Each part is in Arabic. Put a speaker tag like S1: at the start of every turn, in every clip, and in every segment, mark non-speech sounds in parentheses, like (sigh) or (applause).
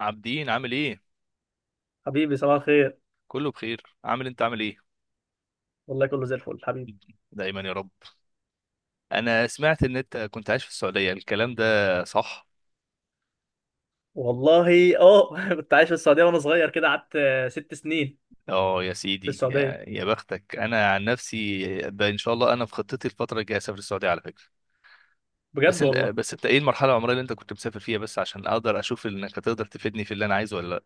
S1: عابدين عامل ايه؟
S2: حبيبي صباح الخير.
S1: كله بخير، انت عامل ايه؟
S2: والله كله زي الفل حبيبي.
S1: دايما يا رب. انا سمعت ان انت كنت عايش في السعودية الكلام ده صح.
S2: والله (laughs) كنت عايش في السعوديه وانا صغير كده قعدت 6 سنين
S1: اه يا
S2: في
S1: سيدي،
S2: السعوديه،
S1: يا بختك. انا عن نفسي ان شاء الله انا في خطتي الفترة الجاية اسافر السعودية على فكرة. بس
S2: بجد
S1: انت
S2: والله.
S1: بس انت ايه المرحلة العمرية اللي انت كنت مسافر فيها؟ بس عشان اقدر اشوف انك هتقدر تفيدني في اللي انا عايزه ولا.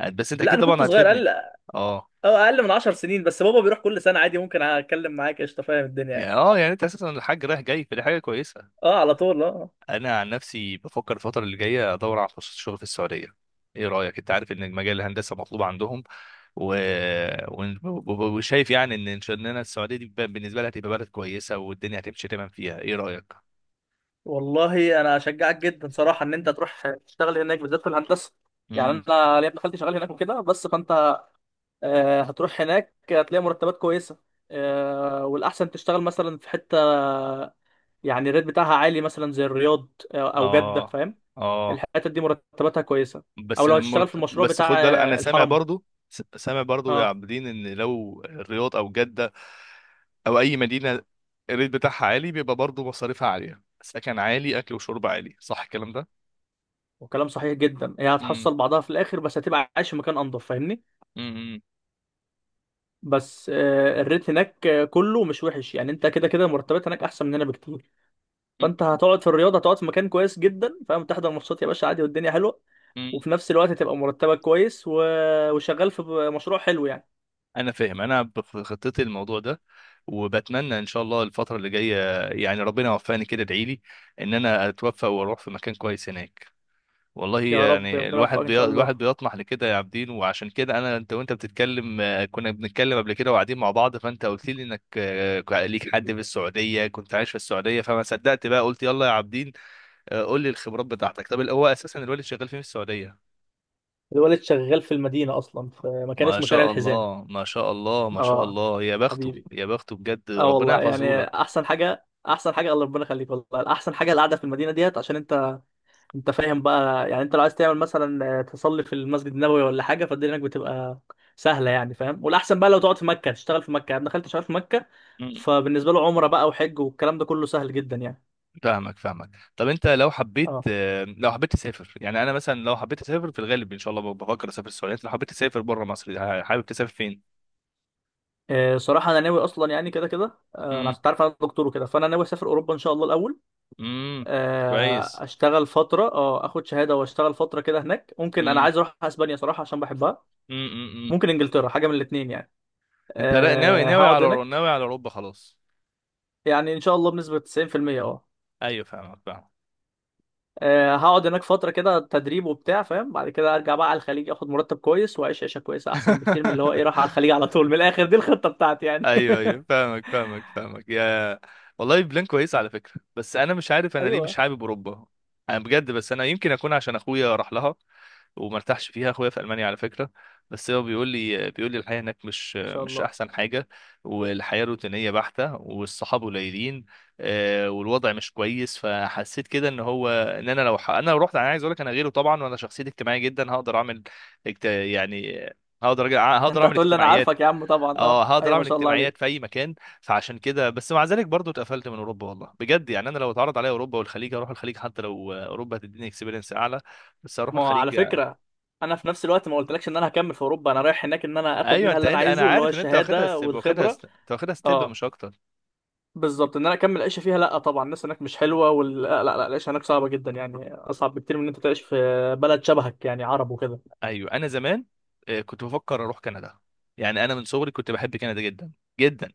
S1: لا بس انت
S2: لا
S1: اكيد
S2: انا كنت
S1: طبعا
S2: صغير،
S1: هتفيدني.
S2: اقل.
S1: اه.
S2: اه اقل من 10 سنين، بس بابا بيروح كل سنه عادي، ممكن اتكلم معاك قشطه فاهم الدنيا يعني.
S1: يعني انت اساسا الحاج رايح جاي، فدي حاجة كويسة.
S2: اه على طول اه.
S1: انا عن نفسي بفكر الفتره اللي جايه ادور على فرصه شغل في السعوديه، ايه رايك؟ انت عارف ان مجال الهندسه مطلوب عندهم. و... ون- وشايف يعني ان شاء الله السعوديه دي بالنسبه لها هتبقى بلد كويسه والدنيا هتمشي تمام فيها، ايه رايك؟
S2: والله انا اشجعك جدا صراحه ان انت تروح تشتغل هناك، بالذات في الهندسه. يعني
S1: امم.
S2: انا ليا ابن خالتي شغال هناك وكده، بس فانت هتروح هناك هتلاقي مرتبات كويسه. والاحسن تشتغل مثلا في حته يعني الريت بتاعها عالي، مثلا زي الرياض او جدة،
S1: اه.
S2: فاهم؟
S1: اه.
S2: الحتت دي مرتباتها كويسة، او لو هتشتغل في المشروع
S1: بس خد
S2: بتاع
S1: بالك انا سامع
S2: الحرم.
S1: برضو. سامع برضو يا
S2: اه.
S1: عابدين، ان لو الرياض او جده او اي مدينه الريت بتاعها عالي، بيبقى برضو مصاريفها عاليه، سكن عالي، اكل وشرب عالي، صح الكلام ده؟
S2: وكلام صحيح جدا، هي
S1: امم.
S2: هتحصل بعضها في الاخر، بس هتبقى عايش في مكان انضف فاهمني.
S1: امم.
S2: بس الريت هناك كله مش وحش، يعني انت كده كده المرتبات هناك احسن مننا بكتير. فانت هتقعد في الرياض، هتقعد في مكان كويس جدا فاهم، تحضر ماتشات يا باشا عادي والدنيا حلوة.
S1: مم.
S2: وفي نفس الوقت هتبقى مرتبك كويس وشغال في مشروع حلو يعني.
S1: انا فاهم، انا في خطتي الموضوع ده، وبتمنى ان شاء الله الفتره اللي جايه يعني ربنا يوفقني كده. ادعي لي ان انا اتوفق واروح في مكان كويس هناك. والله
S2: يا رب
S1: يعني
S2: ربنا يوفقك ان شاء
S1: الواحد
S2: الله.
S1: بيطمح لكده يا عابدين، وعشان كده انا، انت وانت بتتكلم كنا بنتكلم قبل كده وقاعدين مع بعض، فانت قلت لي انك ليك حد في السعوديه كنت عايش في السعوديه، فما صدقت بقى قلت يلا يا عابدين. قول لي الخبرات بتاعتك. طب هو اساسا الوالد شغال فين في السعوديه؟
S2: الولد شغال في المدينة أصلا، في مكان
S1: ما
S2: اسمه شارع
S1: شاء
S2: الحزام.
S1: الله، ما شاء الله، ما شاء
S2: اه.
S1: الله! يا بخته،
S2: حبيبي.
S1: يا بخته بجد،
S2: اه
S1: ربنا
S2: والله
S1: يحفظه
S2: يعني
S1: لك.
S2: أحسن حاجة، أحسن حاجة الله ربنا يخليك، والله أحسن حاجة القعدة في المدينة ديت، عشان أنت أنت فاهم بقى يعني، أنت لو عايز تعمل مثلا تصلي في المسجد النبوي ولا حاجة، فالدنيا هناك بتبقى سهلة يعني فاهم. والأحسن بقى لو تقعد في مكة، تشتغل في مكة. أنا دخلت شغال في مكة،
S1: مم.
S2: فبالنسبة له عمرة بقى وحج والكلام ده كله سهل جدا يعني.
S1: فاهمك فاهمك. طب انت لو حبيت،
S2: اه.
S1: لو حبيت تسافر، يعني انا مثلا لو حبيت اسافر في الغالب ان شاء الله بفكر اسافر السعوديه، انت لو حبيت تسافر بره مصر حابب تسافر فين؟
S2: صراحة أنا ناوي أصلا يعني، كده كده أنا
S1: امم.
S2: عشان تعرف أنا دكتور وكده، فأنا ناوي أسافر أوروبا إن شاء الله الأول.
S1: امم. كويس.
S2: اشتغل فتره، اخد شهاده واشتغل فتره كده هناك. ممكن انا
S1: امم.
S2: عايز اروح اسبانيا صراحه عشان بحبها،
S1: امم.
S2: ممكن انجلترا، حاجه من الاثنين يعني.
S1: انت ناوي
S2: أه
S1: ناوي
S2: هقعد
S1: على
S2: هناك.
S1: ناوي على اوروبا خلاص؟
S2: يعني ان شاء الله بنسبه 90%. اه.
S1: ايوه فاهمك فاهمك.
S2: هقعد هناك فتره كده تدريب وبتاع فاهم، بعد كده ارجع بقى على الخليج، اخد مرتب كويس واعيش عيشه كويسه احسن بكتير من اللي هو ايه، راح على الخليج
S1: (laughs)
S2: على طول من الاخر. دي الخطه بتاعتي يعني.
S1: ايوه ايوه،
S2: (laughs)
S1: فاهمك فاهمك فاهمك يا. والله بلان كويس على فكره. بس انا مش عارف انا ليه مش
S2: ايوه
S1: حابب اوروبا. انا بجد، بس انا يمكن اكون عشان اخويا راح لها وما ارتاحش فيها. اخويا في المانيا على فكره، بس هو بيقول لي الحياه هناك مش
S2: ان شاء
S1: مش
S2: الله.
S1: احسن حاجه، والحياه روتينيه بحته والصحاب قليلين، والوضع مش كويس. فحسيت كده ان هو، ان انا انا لو رحت، انا عايز اقول لك انا غيره طبعا، وانا شخصيتي اجتماعيه جدا هقدر اعمل يعني هقدر هقدر
S2: انت
S1: اعمل
S2: هتقول لي انا
S1: اجتماعيات.
S2: عارفك يا عم طبعا،
S1: اه
S2: اه
S1: هقدر
S2: ايوه ما
S1: اعمل
S2: شاء الله
S1: اجتماعيات في
S2: عليك.
S1: اي مكان. فعشان كده. بس مع ذلك برضو اتقفلت من اوروبا والله بجد، يعني انا لو اتعرض عليا اوروبا والخليج اروح الخليج، حتى لو اوروبا هتديني اكسبيرينس اعلى بس اروح
S2: ما هو على
S1: الخليج يعني.
S2: فكرة انا في نفس الوقت ما قلتلكش ان انا هكمل في اوروبا، انا رايح هناك ان انا اخد
S1: ايوه
S2: منها
S1: انت،
S2: اللي انا
S1: انا
S2: عايزه، اللي هو
S1: عارف ان انت واخدها
S2: الشهادة
S1: ستيب،
S2: والخبرة.
S1: انت واخدها ستيب
S2: اه،
S1: مش اكتر.
S2: بالظبط. ان انا اكمل عيشه فيها لا طبعا، الناس هناك مش حلوه، لا لا لا العيشه هناك صعبه جدا، يعني اصعب بكتير من ان انت تعيش في بلد شبهك يعني، عرب وكده.
S1: ايوه انا زمان كنت بفكر اروح كندا. يعني انا من صغري كنت بحب كندا جدا جدا.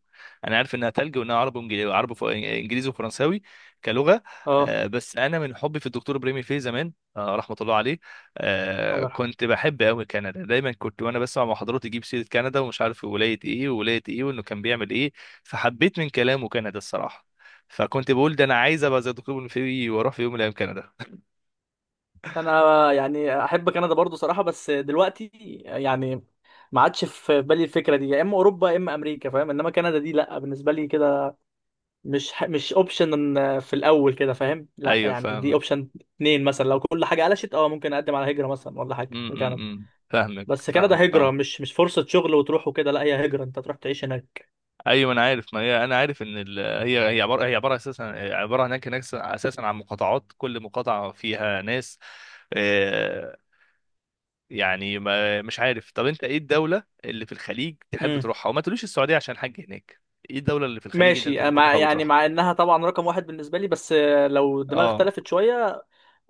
S1: انا عارف انها تلج، وانها عربي وانجليزي، عربي انجليزي وفرنساوي كلغه.
S2: اه.
S1: بس انا من حبي في الدكتور بريمي فيه زمان، رحمه الله عليه.
S2: الله يرحمه.
S1: كنت بحب قوي كندا، دايما كنت وانا بسمع محاضرات يجيب سيره كندا ومش عارف ولايه ايه وولايه ايه وانه كان بيعمل ايه. فحبيت من كلامه كندا الصراحه، فكنت بقول ده انا عايز ابقى زي الدكتور بريمي فيه واروح في يوم من الايام كندا.
S2: انا يعني احب كندا برضو صراحه، بس دلوقتي يعني ما عادش في بالي الفكره دي، يا اما اوروبا يا اما امريكا فاهم، انما كندا دي لا بالنسبه لي كده مش اوبشن في الاول كده فاهم،
S1: (laughs)
S2: لا
S1: ايوه
S2: يعني دي
S1: فاهمك.
S2: اوبشن اتنين مثلا، لو كل حاجه قلشت اه ممكن اقدم على هجره مثلا ولا حاجه في كندا.
S1: فاهمك
S2: بس
S1: فاهمك
S2: كندا هجره،
S1: فاهمك.
S2: مش فرصه شغل وتروح وكده، لا هي هجره انت تروح تعيش هناك.
S1: ايوه انا عارف، ما هي انا عارف ان هي عباره، هي عباره اساسا، عباره هناك، هناك اساسا عن مقاطعات، كل مقاطعه فيها ناس، آه، يعني ما مش عارف. طب انت ايه الدوله اللي في الخليج تحب
S2: امم.
S1: تروحها، وما تقوليش السعوديه عشان حاج هناك؟ ايه الدوله اللي في الخليج اللي
S2: ماشي.
S1: انت ممكن
S2: مع
S1: تحب
S2: يعني
S1: تروحها؟
S2: مع انها طبعا رقم واحد بالنسبه لي، بس لو الدماغ
S1: اه.
S2: اختلفت شويه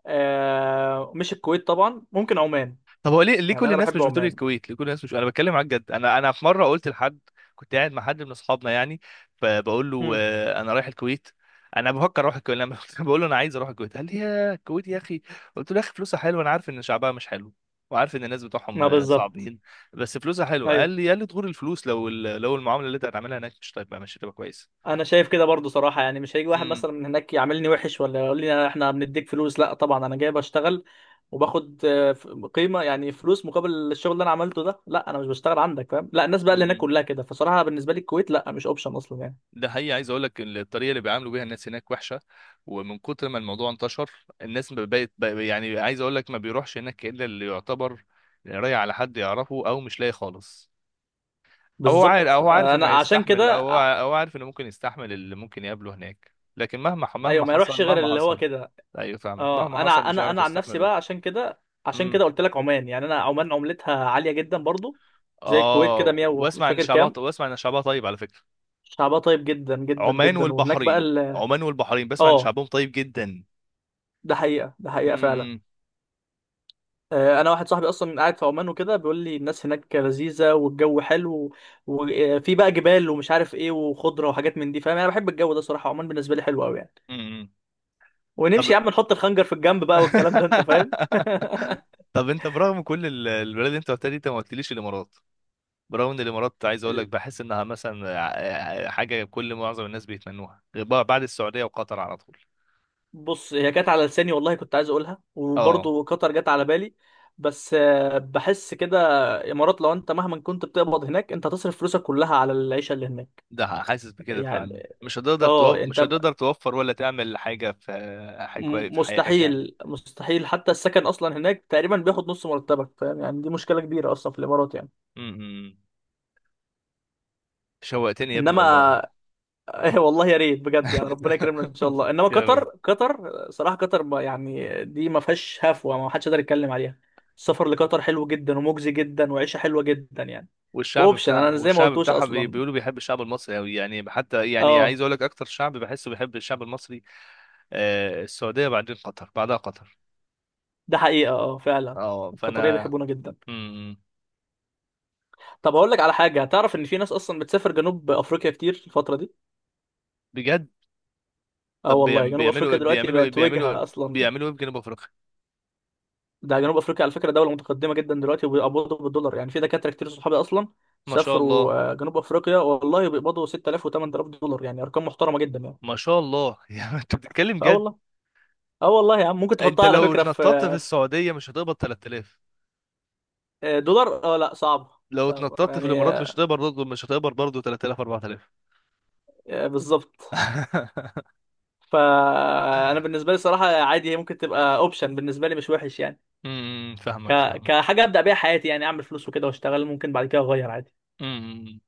S2: مش الكويت طبعا، ممكن عمان.
S1: طب هو ليه
S2: يعني
S1: كل
S2: انا
S1: الناس
S2: بحب
S1: مش بتقول
S2: عمان.
S1: الكويت؟ ليه كل الناس مش، انا بتكلم معاك جد، انا في مره قلت لحد، كنت قاعد مع حد من اصحابنا يعني، فبقول له
S2: امم.
S1: انا رايح الكويت، انا بفكر اروح الكويت. لما (laughs) بقول له انا عايز اروح الكويت قال لي: يا الكويت يا اخي! قلت له يا اخي فلوسها حلوه، انا عارف ان شعبها مش حلو، وعارف ان الناس بتوعهم
S2: ما بالظبط.
S1: صعبين، بس فلوسها حلوه. قال
S2: ايوه
S1: لي قال لي تغور الفلوس لو المعامله اللي انت هتعملها هناك مش طيب مش هتبقى كويسه.
S2: انا شايف كده برضو صراحه، يعني مش هيجي واحد مثلا من هناك يعاملني وحش ولا يقول لي احنا بنديك فلوس، لا طبعا انا جاي بشتغل وباخد قيمه يعني، فلوس مقابل الشغل اللي انا عملته ده، لا انا مش بشتغل عندك فاهم. لا الناس بقى اللي هناك
S1: امم.
S2: كلها كده، فصراحه بالنسبه لي الكويت لا مش اوبشن اصلا يعني.
S1: ده حقيقي، عايز اقول لك الطريقه اللي بيعاملوا بيها الناس هناك وحشه، ومن كتر ما الموضوع انتشر الناس ما بقت بقى- يعني عايز اقول لك ما بيروحش هناك الا اللي يعتبر رايح على حد يعرفه او مش لاقي خالص، او هو عارف او
S2: بالظبط.
S1: هو عارف
S2: آه،
S1: انه
S2: انا عشان
S1: هيستحمل،
S2: كده
S1: او
S2: ع-
S1: او عارف انه ممكن يستحمل اللي ممكن يقابله هناك. لكن مهما
S2: ايوه
S1: مهما
S2: ما
S1: حصل،
S2: يروحش غير
S1: مهما
S2: اللي هو
S1: حصل.
S2: كده.
S1: ايوه فاهمك، مهما
S2: اه انا
S1: حصل
S2: ع-
S1: مش
S2: انا
S1: هيعرف
S2: انا عن نفسي
S1: يستحمله.
S2: بقى، عشان كده عشان
S1: امم.
S2: كده قلت لك عمان. يعني انا عمان عملتها عاليه جدا برضو، زي الكويت كده
S1: اه،
S2: 100 ومش فاكر كام.
S1: واسمع ان شعبها طيب على فكره.
S2: شعبها طيب جدا جدا
S1: عمان
S2: جدا. وهناك بقى
S1: والبحرين،
S2: ال
S1: عمان والبحرين بسمع ان
S2: اه.
S1: شعبهم طيب جدا.
S2: ده حقيقة، ده حقيقة
S1: امم،
S2: فعلا. أنا واحد صاحبي أصلا قاعد في عمان وكده، بيقول لي الناس هناك لذيذة والجو حلو، وفي بقى جبال ومش عارف إيه وخضرة وحاجات من دي فاهم. أنا بحب الجو ده صراحة، عمان بالنسبة لي حلو أوي يعني.
S1: امم، امم.
S2: ونمشي
S1: طب
S2: يا عم نحط الخنجر في الجنب بقى والكلام ده أنت فاهم.
S1: (laughs)
S2: (laughs)
S1: طب انت برغم كل البلاد اللي انت قلتها دي، انت ما قلتليش الامارات. برغم ان الامارات عايز اقول لك
S2: ال-
S1: بحس انها مثلا حاجه كل معظم الناس بيتمنوها غير بقى بعد السعوديه وقطر على طول.
S2: بص هي جت على لساني والله، كنت عايز أقولها،
S1: اه،
S2: وبرضه قطر جت على بالي. بس بحس كده إمارات لو أنت مهما كنت بتقبض هناك أنت هتصرف فلوسك كلها على العيشة اللي هناك.
S1: ده حاسس بكده فعلا،
S2: يعني
S1: مش هتقدر
S2: اه
S1: توفر
S2: انت
S1: مش هتقدر توفر ولا تعمل حاجه في حياتك يعني.
S2: مستحيل مستحيل، حتى السكن اصلا هناك تقريبا بياخد نص مرتبك فاهم يعني، دي مشكله كبيره اصلا في الامارات يعني.
S1: امم. شوقتني يا ابني
S2: انما
S1: والله.
S2: (laughs) والله يا ريت بجد، يعني ربنا يكرمنا ان شاء الله.
S1: (laughs)
S2: انما
S1: يا
S2: قطر،
S1: رب.
S2: قطر صراحه قطر يعني دي ما فيهاش هفوه، ما حدش يقدر يتكلم عليها. السفر لقطر حلو جدا ومجزي جدا وعيشه حلوه جدا يعني. واوبشن انا زي ما
S1: والشعب
S2: قلتوش
S1: بتاعها
S2: اصلا.
S1: بيقولوا بيحب الشعب المصري قوي يعني، حتى يعني عايز
S2: اه.
S1: اقول لك اكتر شعب بحسه بيحب الشعب المصري. السعودية، بعدين قطر، بعدها قطر.
S2: ده حقيقه اه فعلا.
S1: اه
S2: القطريه
S1: فانا.
S2: بيحبونا جدا.
S1: مم.
S2: طب هقول لك على حاجه، تعرف ان في ناس اصلا بتسافر جنوب افريقيا كتير الفتره دي؟
S1: بجد؟
S2: اه
S1: طب
S2: والله جنوب
S1: بيعملوا ايه
S2: افريقيا دلوقتي
S1: بيعملوا ايه
S2: بقت
S1: بيعملوا ايه
S2: وجهه اصلا.
S1: بيعملوا ايه في جنوب افريقيا؟
S2: ده جنوب افريقيا على فكره دوله متقدمه جدا دلوقتي، وبيقبضوا بالدولار. يعني في دكاتره كتير صحابي اصلا
S1: ما شاء الله،
S2: سافروا جنوب افريقيا، والله بيقبضوا 6000 و8000 دولار، يعني ارقام محترمه جدا يعني.
S1: ما شاء الله! (laughs) يعني انت بتتكلم
S2: اه
S1: جد؟
S2: والله. اه والله يا عم ممكن
S1: انت
S2: تحطها على
S1: لو
S2: فكره
S1: اتنططت في
S2: في-
S1: السعودية مش هتقبض 3000؟
S2: دولار اه. لا صعب،
S1: لو
S2: صعب
S1: اتنططت في
S2: يعني.
S1: الامارات مش هتقبض برضه مش هتقبض برضه 3000، 4000؟
S2: بالظبط.
S1: (laughs)
S2: فانا بالنسبه لي الصراحه عادي، هي ممكن تبقى اوبشن بالنسبه لي مش وحش يعني، ك...
S1: فاهمك فاهمك.
S2: كحاجه ابدا بيها حياتي، يعني اعمل فلوس وكده واشتغل، ممكن بعد كده اغير عادي.
S1: امم.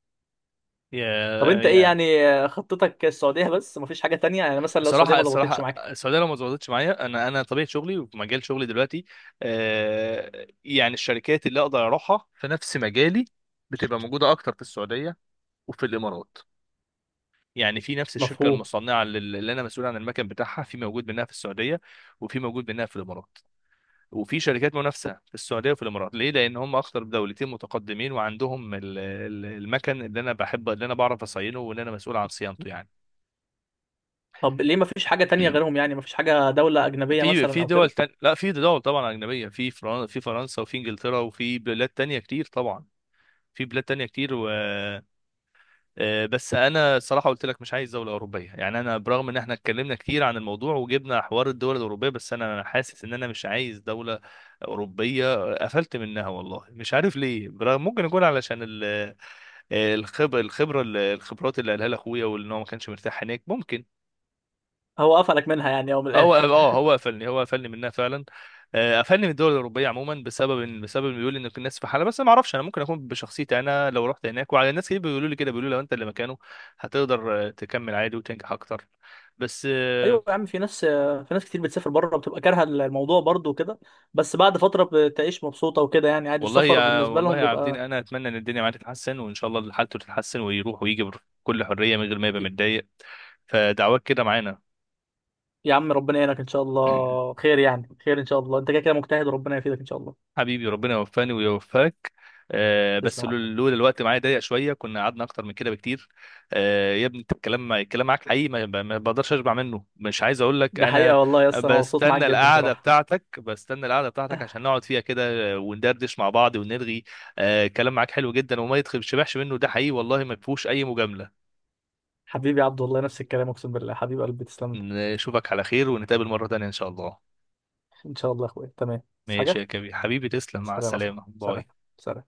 S1: يا.
S2: طب انت ايه
S1: يا
S2: يعني خطتك السعودية بس، مفيش حاجة تانية؟ يعني مثلا لو السعودية
S1: الصراحة،
S2: ما ضبطتش
S1: الصراحة
S2: معاك.
S1: السعودية لو ما ظبطتش معايا، أنا طبيعة شغلي ومجال شغلي دلوقتي، آه يعني الشركات اللي أقدر أروحها في نفس مجالي بتبقى موجودة أكتر في السعودية وفي الإمارات. يعني في نفس الشركة
S2: مفهوم.
S1: المصنعة اللي أنا مسؤول عن المكن بتاعها، في موجود منها في السعودية، وفي موجود منها في الإمارات، وفي شركات منافسة في السعودية وفي الإمارات. ليه؟ لأن هم أكتر دولتين متقدمين، وعندهم المكن اللي أنا بحب، اللي أنا بعرف أصينه واللي أنا مسؤول عن صيانته يعني.
S2: طب ليه مفيش حاجة تانية غيرهم؟ يعني مفيش حاجة دولة أجنبية
S1: في
S2: مثلا
S1: في
S2: أو
S1: دول
S2: كده؟
S1: تانية، لا في دول طبعا أجنبية، في في فرنسا وفي إنجلترا وفي بلاد تانية كتير طبعا. في بلاد تانية كتير آه، بس أنا صراحة قلت لك مش عايز دولة أوروبية يعني. أنا برغم إن إحنا اتكلمنا كتير عن الموضوع وجبنا حوار الدول الأوروبية، بس أنا حاسس إن أنا مش عايز دولة أوروبية، قفلت منها والله مش عارف ليه. برغم ممكن يكون علشان الخبرة، الخبرات اللي قالها لي أخويا، وإن هو ما كانش مرتاح هناك ممكن.
S2: هو قفلك منها يعني أو من
S1: هو
S2: الآخر؟
S1: اه آه، هو قفلني منها فعلا. قفلني من الدول الاوروبيه عموما بسبب ان، بيقول ان الناس في حاله. بس انا ما اعرفش، انا ممكن اكون بشخصيتي، انا لو رحت هناك. وعلى، الناس كتير بيقولوا لي كده، بيقولوا لو انت اللي مكانه هتقدر تكمل عادي وتنجح اكتر. بس
S2: (laughs)
S1: آه.
S2: أيوة يا عم، في ناس في ناس كتير بتسافر بره بتبقى كارهة الموضوع برضه وكده، بس بعد فترة بتعيش مبسوطة وكده، يعني عادي السفر بالنسبة
S1: والله
S2: لهم
S1: يا عابدين،
S2: بيبقى.
S1: انا اتمنى ان الدنيا معاه تتحسن وان شاء الله حالته تتحسن ويروح ويجي بكل حريه من غير ما يبقى متضايق، فدعواك كده معانا.
S2: يا عم ربنا يعينك إن شاء الله خير، يعني خير إن شاء الله، أنت كده كده مجتهد وربنا يفيدك إن شاء الله.
S1: حبيبي، ربنا يوفقني ويوفقك. آه
S2: تسلم
S1: بس
S2: يا عبد.
S1: لولا الوقت معايا ضيق شويه كنا قعدنا اكتر من كده بكتير. آه يا ابني انت، الكلام، الكلام معاك حقيقي ما بقدرش اشبع منه، مش عايز اقول لك
S2: ده
S1: انا.
S2: حقيقة والله يا اسطى، أنا مبسوط معاك
S1: بستنى
S2: جدا
S1: القعده
S2: صراحة.
S1: بتاعتك بستنى القعده بتاعتك عشان نقعد فيها كده وندردش مع بعض ونرغي. آه كلام معاك حلو جدا، وما يشبعش منه، ده حقيقي والله ما فيهوش اي مجامله.
S2: حبيبي يا عبد، والله نفس الكلام، اقسم بالله حبيب قلبي، تسلم لي.
S1: نشوفك على خير، ونتقابل مره تانيه ان شاء الله.
S2: ان شاء الله يا اخويا، تمام بس
S1: ماشي
S2: حاجه.
S1: يا كبير، حبيبي تسلم، مع
S2: سلام يا صاحبي،
S1: السلامه،
S2: سلام.
S1: باي.
S2: سلام.